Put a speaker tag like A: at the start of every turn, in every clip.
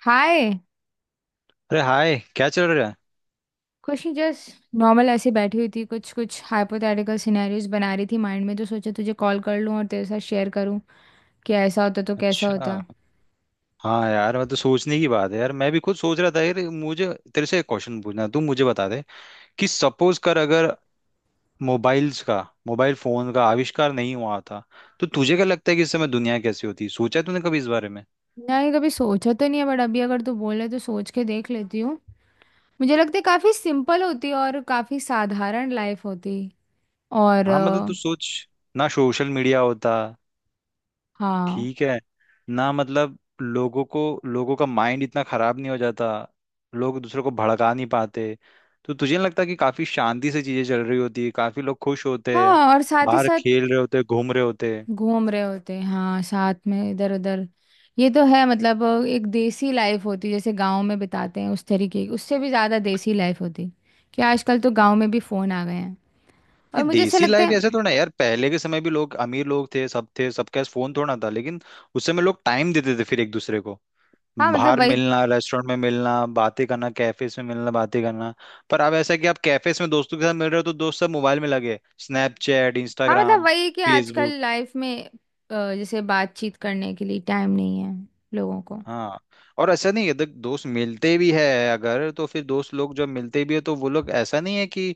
A: हाय।
B: अरे हाय, क्या चल रहा है?
A: कुछ नहीं, जस्ट नॉर्मल ऐसे बैठी हुई थी, कुछ कुछ हाइपोथेटिकल सिनेरियोज बना रही थी माइंड में, तो सोचा तुझे कॉल कर लूँ और तेरे साथ शेयर करूँ कि ऐसा होता तो कैसा
B: अच्छा।
A: होता।
B: हाँ यार, मैं तो सोचने की बात है यार, मैं भी खुद सोच रहा था यार। मुझे तेरे से एक क्वेश्चन पूछना है, तू मुझे बता दे कि सपोज कर अगर मोबाइल्स का मोबाइल फोन का आविष्कार नहीं हुआ था तो तुझे क्या लगता है कि इस समय दुनिया कैसी होती? सोचा है तूने कभी इस बारे में?
A: नहीं कभी सोचा तो नहीं है बट अभी अगर तू बोले तो सोच के देख लेती हूँ। मुझे लगता है काफ़ी सिंपल होती और काफ़ी साधारण लाइफ होती। और
B: हाँ मतलब तू सोच ना, सोशल मीडिया होता।
A: हाँ।
B: ठीक है ना, मतलब लोगों को, लोगों का माइंड इतना खराब नहीं हो जाता। लोग दूसरों को भड़का नहीं पाते। तो तुझे नहीं लगता कि काफी शांति से चीजें चल रही होती है, काफी लोग खुश होते हैं,
A: हाँ और साथ ही
B: बाहर
A: साथ
B: खेल रहे होते हैं, घूम रहे होते हैं।
A: घूम रहे होते हैं, हाँ, साथ में इधर उधर। ये तो है, मतलब एक देसी लाइफ होती जैसे गांव में बिताते हैं उस तरीके की, उससे भी ज़्यादा देसी लाइफ होती कि आजकल तो गांव में भी फ़ोन आ गए हैं।
B: ये
A: और मुझे ऐसा
B: देसी
A: लगता
B: लाइफ ऐसे
A: है
B: थोड़ा ना है यार, पहले के समय भी लोग, अमीर लोग थे, सब थे, सबके पास फोन थोड़ा ना था, लेकिन उस समय लोग टाइम देते थे फिर एक दूसरे को।
A: हाँ मतलब
B: बाहर
A: वही।
B: मिलना, रेस्टोरेंट में मिलना बातें करना, कैफेज में मिलना बातें करना। पर अब ऐसा है कि आप कैफेज में दोस्तों के साथ मिल रहे हो तो दोस्त सब मोबाइल में लगे, स्नैपचैट,
A: हाँ मतलब
B: इंस्टाग्राम,
A: वही है कि आजकल
B: फेसबुक।
A: लाइफ में जैसे बातचीत करने के लिए टाइम नहीं है लोगों को।
B: हाँ, और ऐसा नहीं है, देख, दोस्त मिलते भी है, अगर तो फिर दोस्त लोग जब मिलते भी है तो वो लोग ऐसा नहीं है कि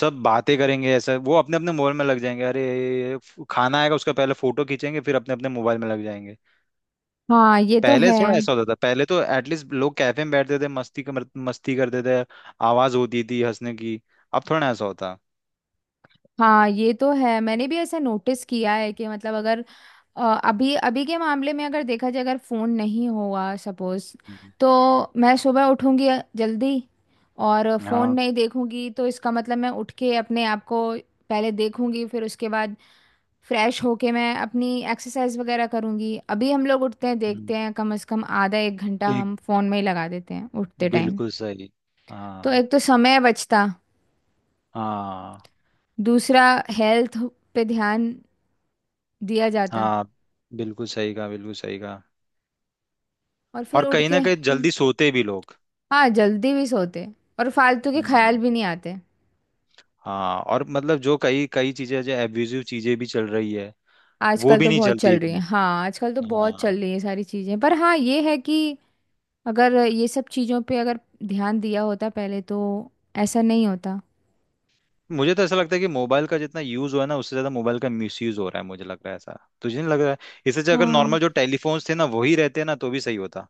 B: सब बातें करेंगे, ऐसा, वो अपने अपने मोबाइल में लग जाएंगे। अरे, खाना आएगा उसका पहले फोटो खींचेंगे, फिर अपने अपने मोबाइल में लग जाएंगे।
A: हाँ ये तो
B: पहले
A: है।
B: थोड़ा ऐसा होता था, पहले तो एटलीस्ट लोग कैफे में बैठते थे, मस्ती करते थे, आवाज होती थी हंसने की। अब थोड़ा ना ऐसा होता।
A: हाँ ये तो है, मैंने भी ऐसा नोटिस किया है कि मतलब अगर अभी अभी के मामले में अगर देखा जाए, अगर फ़ोन नहीं हुआ सपोज़,
B: हम्म।
A: तो मैं सुबह उठूंगी जल्दी, और फ़ोन
B: हाँ।
A: नहीं देखूंगी तो इसका मतलब मैं उठ के अपने आप को पहले देखूंगी, फिर उसके बाद फ्रेश होके मैं अपनी एक्सरसाइज वगैरह करूंगी। अभी हम लोग उठते हैं,
B: हम्म।
A: देखते हैं कम से कम आधा एक घंटा
B: एक,
A: हम फ़ोन में ही लगा देते हैं उठते टाइम।
B: बिल्कुल सही।
A: तो
B: हाँ।
A: एक तो समय बचता,
B: हाँ।
A: दूसरा हेल्थ पे ध्यान दिया जाता।
B: हाँ, बिल्कुल सही कहा, बिल्कुल सही कहा।
A: और फिर
B: और
A: उठ
B: कहीं
A: के
B: ना कहीं जल्दी सोते भी लोग।
A: हाँ जल्दी भी सोते, और फालतू के ख्याल
B: हम्म।
A: भी नहीं आते।
B: हाँ, और मतलब जो कई कई चीजें, जो एब्यूजिव चीजें भी चल रही है, वो
A: आजकल
B: भी
A: तो
B: नहीं
A: बहुत
B: चलती
A: चल रही है,
B: इतनी।
A: हाँ आजकल तो बहुत
B: हाँ,
A: चल रही है सारी चीज़ें। पर हाँ ये है कि अगर ये सब चीज़ों पे अगर ध्यान दिया होता पहले, तो ऐसा नहीं होता।
B: मुझे तो ऐसा लगता है कि मोबाइल का जितना यूज हुआ है ना, उससे ज्यादा मोबाइल का मिसयूज हो रहा है, मुझे लग रहा है ऐसा। तुझे नहीं लग रहा है? इससे अच्छा अगर
A: हाँ
B: नॉर्मल जो टेलीफोन्स थे ना वही रहते ना तो भी सही होता।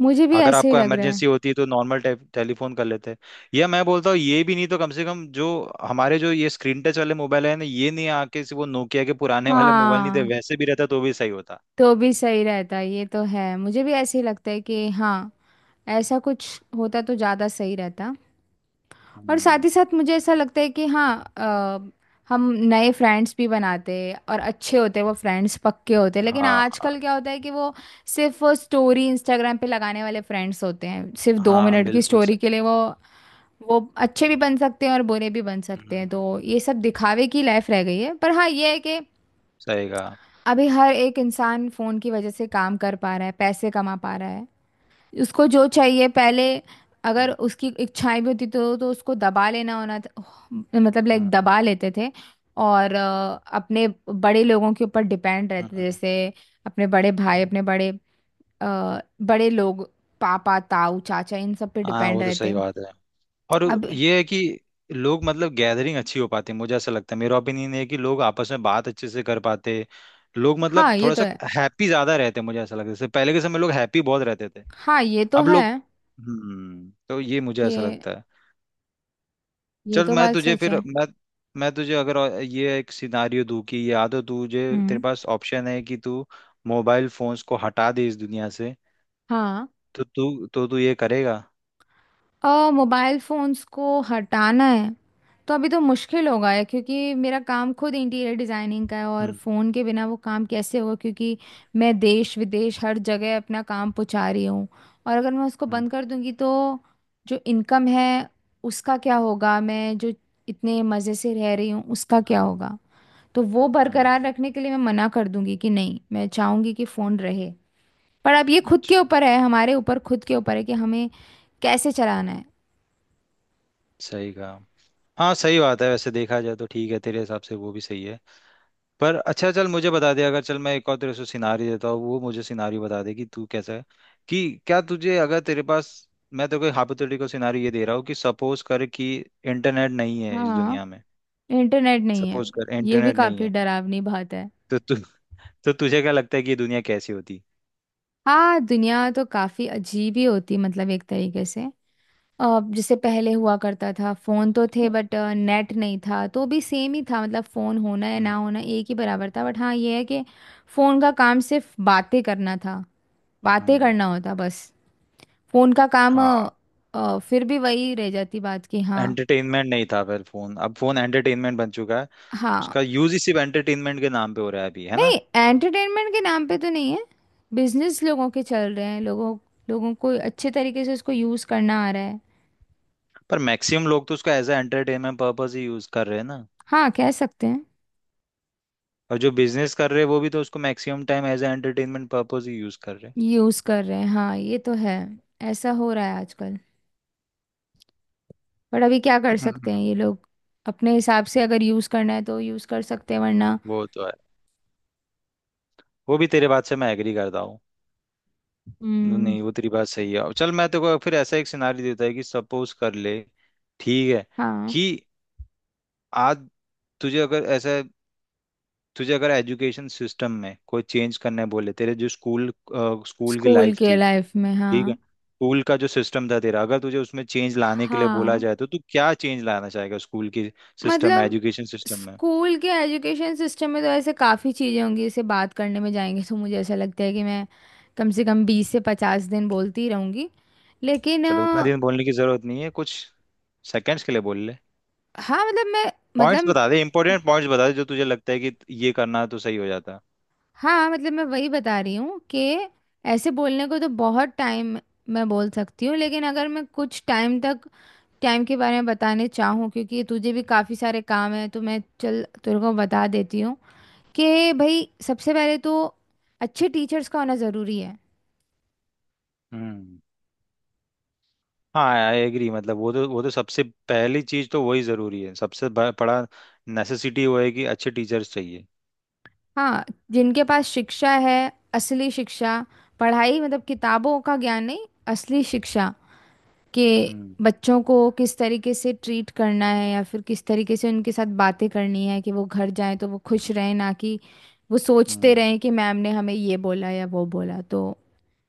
A: मुझे भी
B: अगर
A: ऐसे ही
B: आपको
A: लग रहा है।
B: इमरजेंसी होती है तो नॉर्मल टेलीफोन कर लेते, या मैं बोलता हूँ ये भी नहीं तो कम से कम जो हमारे जो ये स्क्रीन टच वाले मोबाइल है ना, ये नहीं आके सिर्फ वो नोकिया के पुराने वाले मोबाइल नहीं थे,
A: हाँ
B: वैसे भी रहता तो भी सही होता।
A: तो भी सही रहता, ये तो है, मुझे भी ऐसे ही लगता है कि हाँ ऐसा कुछ होता तो ज़्यादा सही रहता। और साथ
B: हम्म।
A: ही साथ मुझे ऐसा लगता है कि हाँ अ, हम नए फ्रेंड्स भी बनाते हैं और अच्छे होते हैं, वो फ्रेंड्स पक्के होते हैं, लेकिन
B: हाँ।
A: आजकल क्या होता है कि वो सिर्फ वो स्टोरी इंस्टाग्राम पे लगाने वाले फ्रेंड्स होते हैं, सिर्फ दो
B: हाँ,
A: मिनट की
B: बिल्कुल
A: स्टोरी
B: सही।
A: के लिए। वो अच्छे भी बन सकते हैं और बुरे भी बन सकते हैं,
B: हम्म।
A: तो
B: हम्म,
A: ये सब दिखावे की लाइफ रह गई है। पर हाँ ये है कि
B: सही कहा।
A: अभी हर एक इंसान फ़ोन की वजह से काम कर पा रहा है, पैसे कमा पा रहा है। उसको जो चाहिए पहले, अगर
B: हम्म।
A: उसकी इच्छाएं भी होती तो उसको दबा लेना होना था। मतलब लाइक
B: हम्म।
A: दबा लेते थे, और अपने बड़े लोगों के ऊपर डिपेंड रहते थे,
B: हम्म।
A: जैसे अपने बड़े भाई,
B: हम्म।
A: अपने बड़े अ, बड़े लोग, पापा, ताऊ, चाचा, इन सब पे
B: हाँ,
A: डिपेंड
B: वो तो सही
A: रहते।
B: बात है। और
A: अब
B: ये है कि लोग मतलब गैदरिंग अच्छी हो पाती है, मुझे ऐसा लगता है, मेरा ओपिनियन है कि लोग आपस में बात अच्छे से कर पाते। लोग मतलब
A: हाँ ये
B: थोड़ा
A: तो
B: सा
A: है।
B: हैप्पी ज्यादा रहते हैं, मुझे ऐसा लगता है, जैसे पहले के समय लोग हैप्पी बहुत रहते थे,
A: हाँ ये तो
B: अब
A: है
B: लोग। हम्म, तो ये मुझे
A: कि
B: ऐसा लगता है।
A: ये
B: चल,
A: तो
B: मैं
A: बात
B: तुझे
A: सच
B: फिर
A: है।
B: मैं मैं तुझे अगर ये एक सिनारियो दूं कि या तो तुझे, तेरे
A: हम्म।
B: पास ऑप्शन है कि तू मोबाइल फोन्स को हटा दे इस दुनिया से,
A: हाँ
B: तो तू ये करेगा?
A: मोबाइल फोन्स को हटाना है तो अभी तो मुश्किल होगा है, क्योंकि मेरा काम खुद इंटीरियर डिजाइनिंग का है, और
B: हम्म।
A: फोन के बिना वो काम कैसे होगा, क्योंकि मैं देश विदेश हर जगह अपना काम पहुंचा रही हूँ। और अगर मैं उसको
B: हम्म।
A: बंद कर दूंगी तो जो इनकम है उसका क्या होगा, मैं जो इतने मज़े से रह रही हूँ उसका क्या
B: हम्म।
A: होगा। तो वो
B: हम्म।
A: बरकरार रखने के लिए मैं मना कर दूंगी कि नहीं, मैं चाहूंगी कि फोन रहे। पर अब ये खुद के
B: अच्छा,
A: ऊपर है, हमारे ऊपर खुद के ऊपर है कि हमें कैसे चलाना है।
B: सही कहा। हाँ, सही बात है, वैसे देखा जाए तो ठीक है, तेरे हिसाब से वो भी सही है। पर अच्छा, चल मुझे बता दे, अगर चल मैं एक और तेरे से सिनारी देता हूँ, वो मुझे सिनारी बता दे कि तू कैसा है, कि क्या तुझे अगर तेरे पास, मैं तो कोई हाइपोथेटिकल सिनारी ये दे रहा हूँ कि सपोज कर कि इंटरनेट नहीं है इस
A: हाँ
B: दुनिया में।
A: इंटरनेट नहीं है,
B: सपोज कर
A: ये भी
B: इंटरनेट नहीं
A: काफी
B: है।
A: डरावनी बात है।
B: तो तु, तो तुझे क्या लगता है कि ये दुनिया कैसी होती?
A: हाँ दुनिया तो काफी अजीब ही होती, मतलब एक तरीके से। अब जैसे पहले हुआ करता था फोन तो थे बट नेट नहीं था, तो भी सेम ही था, मतलब फोन होना या ना
B: हम्म।
A: होना एक ही बराबर था। बट हाँ ये है कि फोन का काम सिर्फ बातें करना था, बातें
B: हम्म।
A: करना होता बस। फोन का काम
B: हाँ,
A: फिर भी वही रह जाती बात कि हाँ।
B: एंटरटेनमेंट नहीं था फिर फोन, अब फोन एंटरटेनमेंट बन चुका है। उसका
A: हाँ
B: यूज ही सिर्फ एंटरटेनमेंट के नाम पे हो रहा है अभी, है ना?
A: नहीं, एंटरटेनमेंट के नाम पे तो नहीं है, बिजनेस लोगों के चल रहे हैं, लोगों लोगों को अच्छे तरीके से उसको यूज़ करना आ रहा है।
B: पर मैक्सिमम लोग तो उसको एज ए एंटरटेनमेंट पर्पज ही यूज कर रहे हैं ना?
A: हाँ कह सकते हैं।
B: और जो बिजनेस कर रहे हैं वो भी तो उसको maximum time as a entertainment purpose ही यूज कर रहे हैं।
A: यूज़ कर रहे हैं, हाँ ये तो है, ऐसा हो रहा है आजकल। पर अभी क्या कर सकते
B: हम्म।
A: हैं ये लोग, अपने हिसाब से अगर यूज़ करना है तो यूज़ कर सकते हैं वरना।
B: वो तो है, वो भी तेरे बात से मैं एग्री करता हूँ।
A: हम्म।
B: नहीं, वो तेरी बात सही है। अब चल, मैं तेको फिर ऐसा एक सिनारी देता है कि सपोज कर ले, ठीक है,
A: हाँ
B: कि आज, तुझे अगर ऐसा तुझे अगर एजुकेशन सिस्टम में कोई चेंज करने बोले, तेरे जो स्कूल स्कूल की
A: स्कूल
B: लाइफ
A: के
B: थी,
A: लाइफ में,
B: ठीक है,
A: हाँ।
B: स्कूल का जो सिस्टम था तेरा, अगर तुझे उसमें चेंज लाने के लिए बोला
A: हाँ
B: जाए, तो तू क्या चेंज लाना चाहेगा स्कूल की सिस्टम में,
A: मतलब
B: एजुकेशन सिस्टम में?
A: स्कूल के एजुकेशन सिस्टम में तो ऐसे काफ़ी चीज़ें होंगी, इसे बात करने में जाएंगे तो मुझे ऐसा लगता है कि मैं कम से कम 20 से 50 दिन बोलती ही रहूँगी। लेकिन
B: चलो उतना दिन बोलने की जरूरत नहीं है, कुछ सेकंड्स के लिए बोल ले,
A: हाँ मतलब मैं,
B: पॉइंट्स
A: मतलब
B: बता दे, इंपॉर्टेंट पॉइंट्स बता दे जो तुझे लगता है कि ये करना तो सही हो जाता।
A: हाँ मतलब मैं वही बता रही हूँ कि ऐसे बोलने को तो बहुत टाइम मैं बोल सकती हूँ, लेकिन अगर मैं कुछ टाइम तक टाइम के बारे में बताने चाहूँ क्योंकि तुझे भी काफ़ी सारे काम हैं, तो मैं चल तेरे को बता देती हूँ कि भाई सबसे पहले तो अच्छे टीचर्स का होना ज़रूरी है।
B: हम्म। हाँ, आई एग्री, मतलब वो तो, वो तो सबसे पहली चीज तो वही जरूरी है, सबसे बड़ा नेसेसिटी वो है कि अच्छे टीचर्स चाहिए।
A: हाँ जिनके पास शिक्षा है, असली शिक्षा। पढ़ाई मतलब किताबों का ज्ञान नहीं, असली शिक्षा के
B: हम्म।
A: बच्चों को किस तरीके से ट्रीट करना है, या फिर किस तरीके से उनके साथ बातें करनी है कि वो घर जाएं तो वो खुश
B: हम्म।
A: रहें, ना कि वो सोचते
B: हम्म।
A: रहें कि मैम ने हमें ये बोला या वो बोला तो।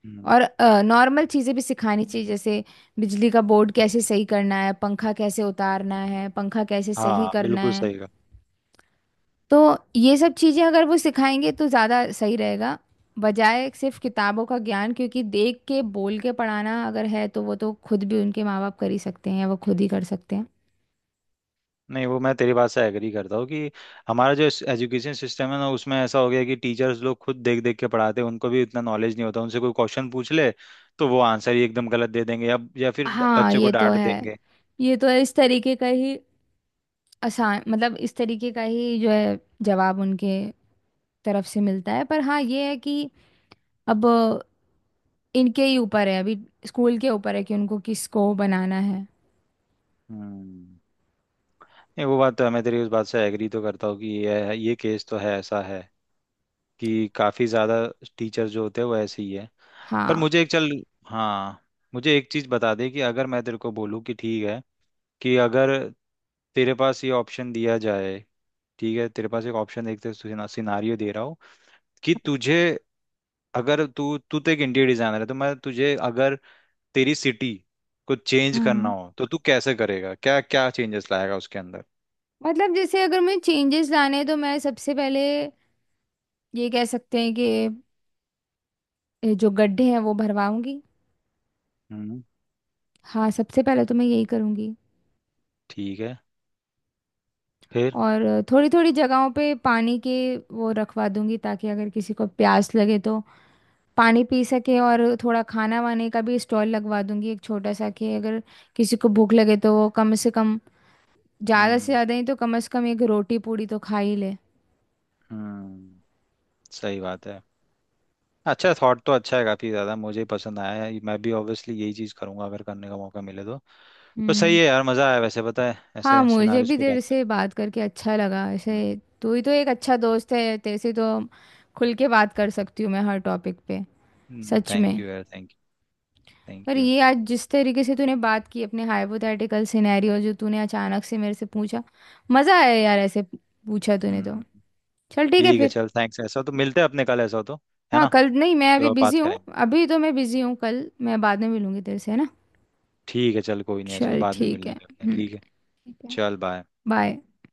B: हम्म।
A: और नॉर्मल चीज़ें भी सिखानी चाहिए, जैसे बिजली का बोर्ड कैसे
B: हम्म।
A: सही करना है, पंखा कैसे उतारना है, पंखा कैसे सही
B: हाँ,
A: करना
B: बिल्कुल
A: है।
B: सही कहा।
A: तो ये सब चीजें अगर वो सिखाएंगे तो ज्यादा सही रहेगा, बजाय सिर्फ किताबों का ज्ञान। क्योंकि देख के बोल के पढ़ाना अगर है तो वो तो खुद भी उनके माँ बाप कर ही सकते हैं, या वो खुद ही कर सकते हैं।
B: नहीं, वो मैं तेरी बात से एग्री करता हूँ कि हमारा जो एजुकेशन सिस्टम है ना, उसमें ऐसा हो गया कि टीचर्स लोग खुद देख देख के पढ़ाते हैं, उनको भी इतना नॉलेज नहीं होता, उनसे कोई क्वेश्चन पूछ ले तो वो आंसर ही एकदम गलत दे देंगे, या फिर
A: हाँ
B: बच्चे को
A: ये तो
B: डांट
A: है,
B: देंगे।
A: ये तो है, इस तरीके का ही आसान, मतलब इस तरीके का ही जो है जवाब उनके तरफ से मिलता है। पर हाँ ये है कि अब इनके ही ऊपर है, अभी स्कूल के ऊपर है कि उनको किसको बनाना है।
B: हम्म। नहीं, वो बात तो है, मैं तेरी उस बात से एग्री तो करता हूँ कि ये केस तो है, ऐसा है कि काफ़ी ज़्यादा टीचर जो होते हैं वो ऐसे ही है। पर
A: हाँ।
B: मुझे एक, चल, हाँ, मुझे एक चीज़ बता दे कि अगर मैं तेरे को बोलूँ कि ठीक है, कि अगर तेरे पास ये ऑप्शन दिया जाए, ठीक है, तेरे पास एक ऑप्शन, देखते, सिनारियो दे रहा हूँ कि तुझे, अगर तू तू तो एक इंटीरियर डिजाइनर है, तो मैं तुझे अगर तेरी सिटी को चेंज करना
A: हाँ
B: हो तो तू कैसे करेगा, क्या क्या चेंजेस लाएगा उसके अंदर?
A: मतलब जैसे अगर मैं चेंजेस लाने हैं, तो मैं सबसे पहले ये कह सकते हैं कि ये जो गड्ढे हैं वो भरवाऊंगी।
B: हम्म।
A: हाँ सबसे पहले तो मैं यही करूंगी।
B: ठीक है, फिर?
A: और थोड़ी थोड़ी जगहों पे पानी के वो रखवा दूंगी, ताकि अगर किसी को प्यास लगे तो पानी पी सके। और थोड़ा खाना वाने का भी स्टॉल लगवा दूंगी एक छोटा सा, कि अगर किसी को भूख लगे तो वो कम से कम, ज़्यादा से
B: हम्म।
A: ज़्यादा ही तो कम से कम एक रोटी पूड़ी तो खा ही ले।
B: हम्म, सही बात है। अच्छा थॉट तो अच्छा है, काफी ज्यादा मुझे पसंद आया है, मैं भी ऑब्वियसली यही चीज करूंगा अगर करने का मौका मिले तो। पर सही
A: हम्म।
B: है यार, मजा आया, वैसे पता है
A: हाँ
B: ऐसे
A: मुझे
B: सिनारियोस
A: भी
B: पे
A: तेरे
B: बात
A: से बात करके अच्छा लगा ऐसे।
B: कर।
A: तू ही तो एक अच्छा दोस्त है, तेरे से तो खुल के बात कर सकती हूँ मैं हर टॉपिक पे, सच
B: थैंक
A: में।
B: यू यार, थैंक यू, थैंक
A: पर
B: यू।
A: ये आज जिस तरीके से तूने बात की, अपने हाइपोथेटिकल सिनेरियो जो तूने अचानक से मेरे से पूछा, मज़ा आया यार, ऐसे पूछा तूने तो।
B: हम्म।
A: चल ठीक है
B: ठीक है,
A: फिर।
B: चल, थैंक्स, ऐसा हो तो मिलते हैं अपने कल, ऐसा हो तो, है
A: हाँ
B: ना?
A: कल नहीं, मैं
B: फिर
A: अभी
B: और
A: बिज़ी
B: बात
A: हूँ।
B: करेंगे।
A: अभी तो मैं बिज़ी हूँ, कल मैं बाद में मिलूंगी तेरे से, है ना।
B: ठीक है, चल, कोई नहीं, ऐसा हो तो
A: चल
B: बाद में मिल
A: ठीक है,
B: लेंगे अपने,
A: हम्म,
B: ठीक है।
A: ठीक है।
B: चल बाय।
A: बाय।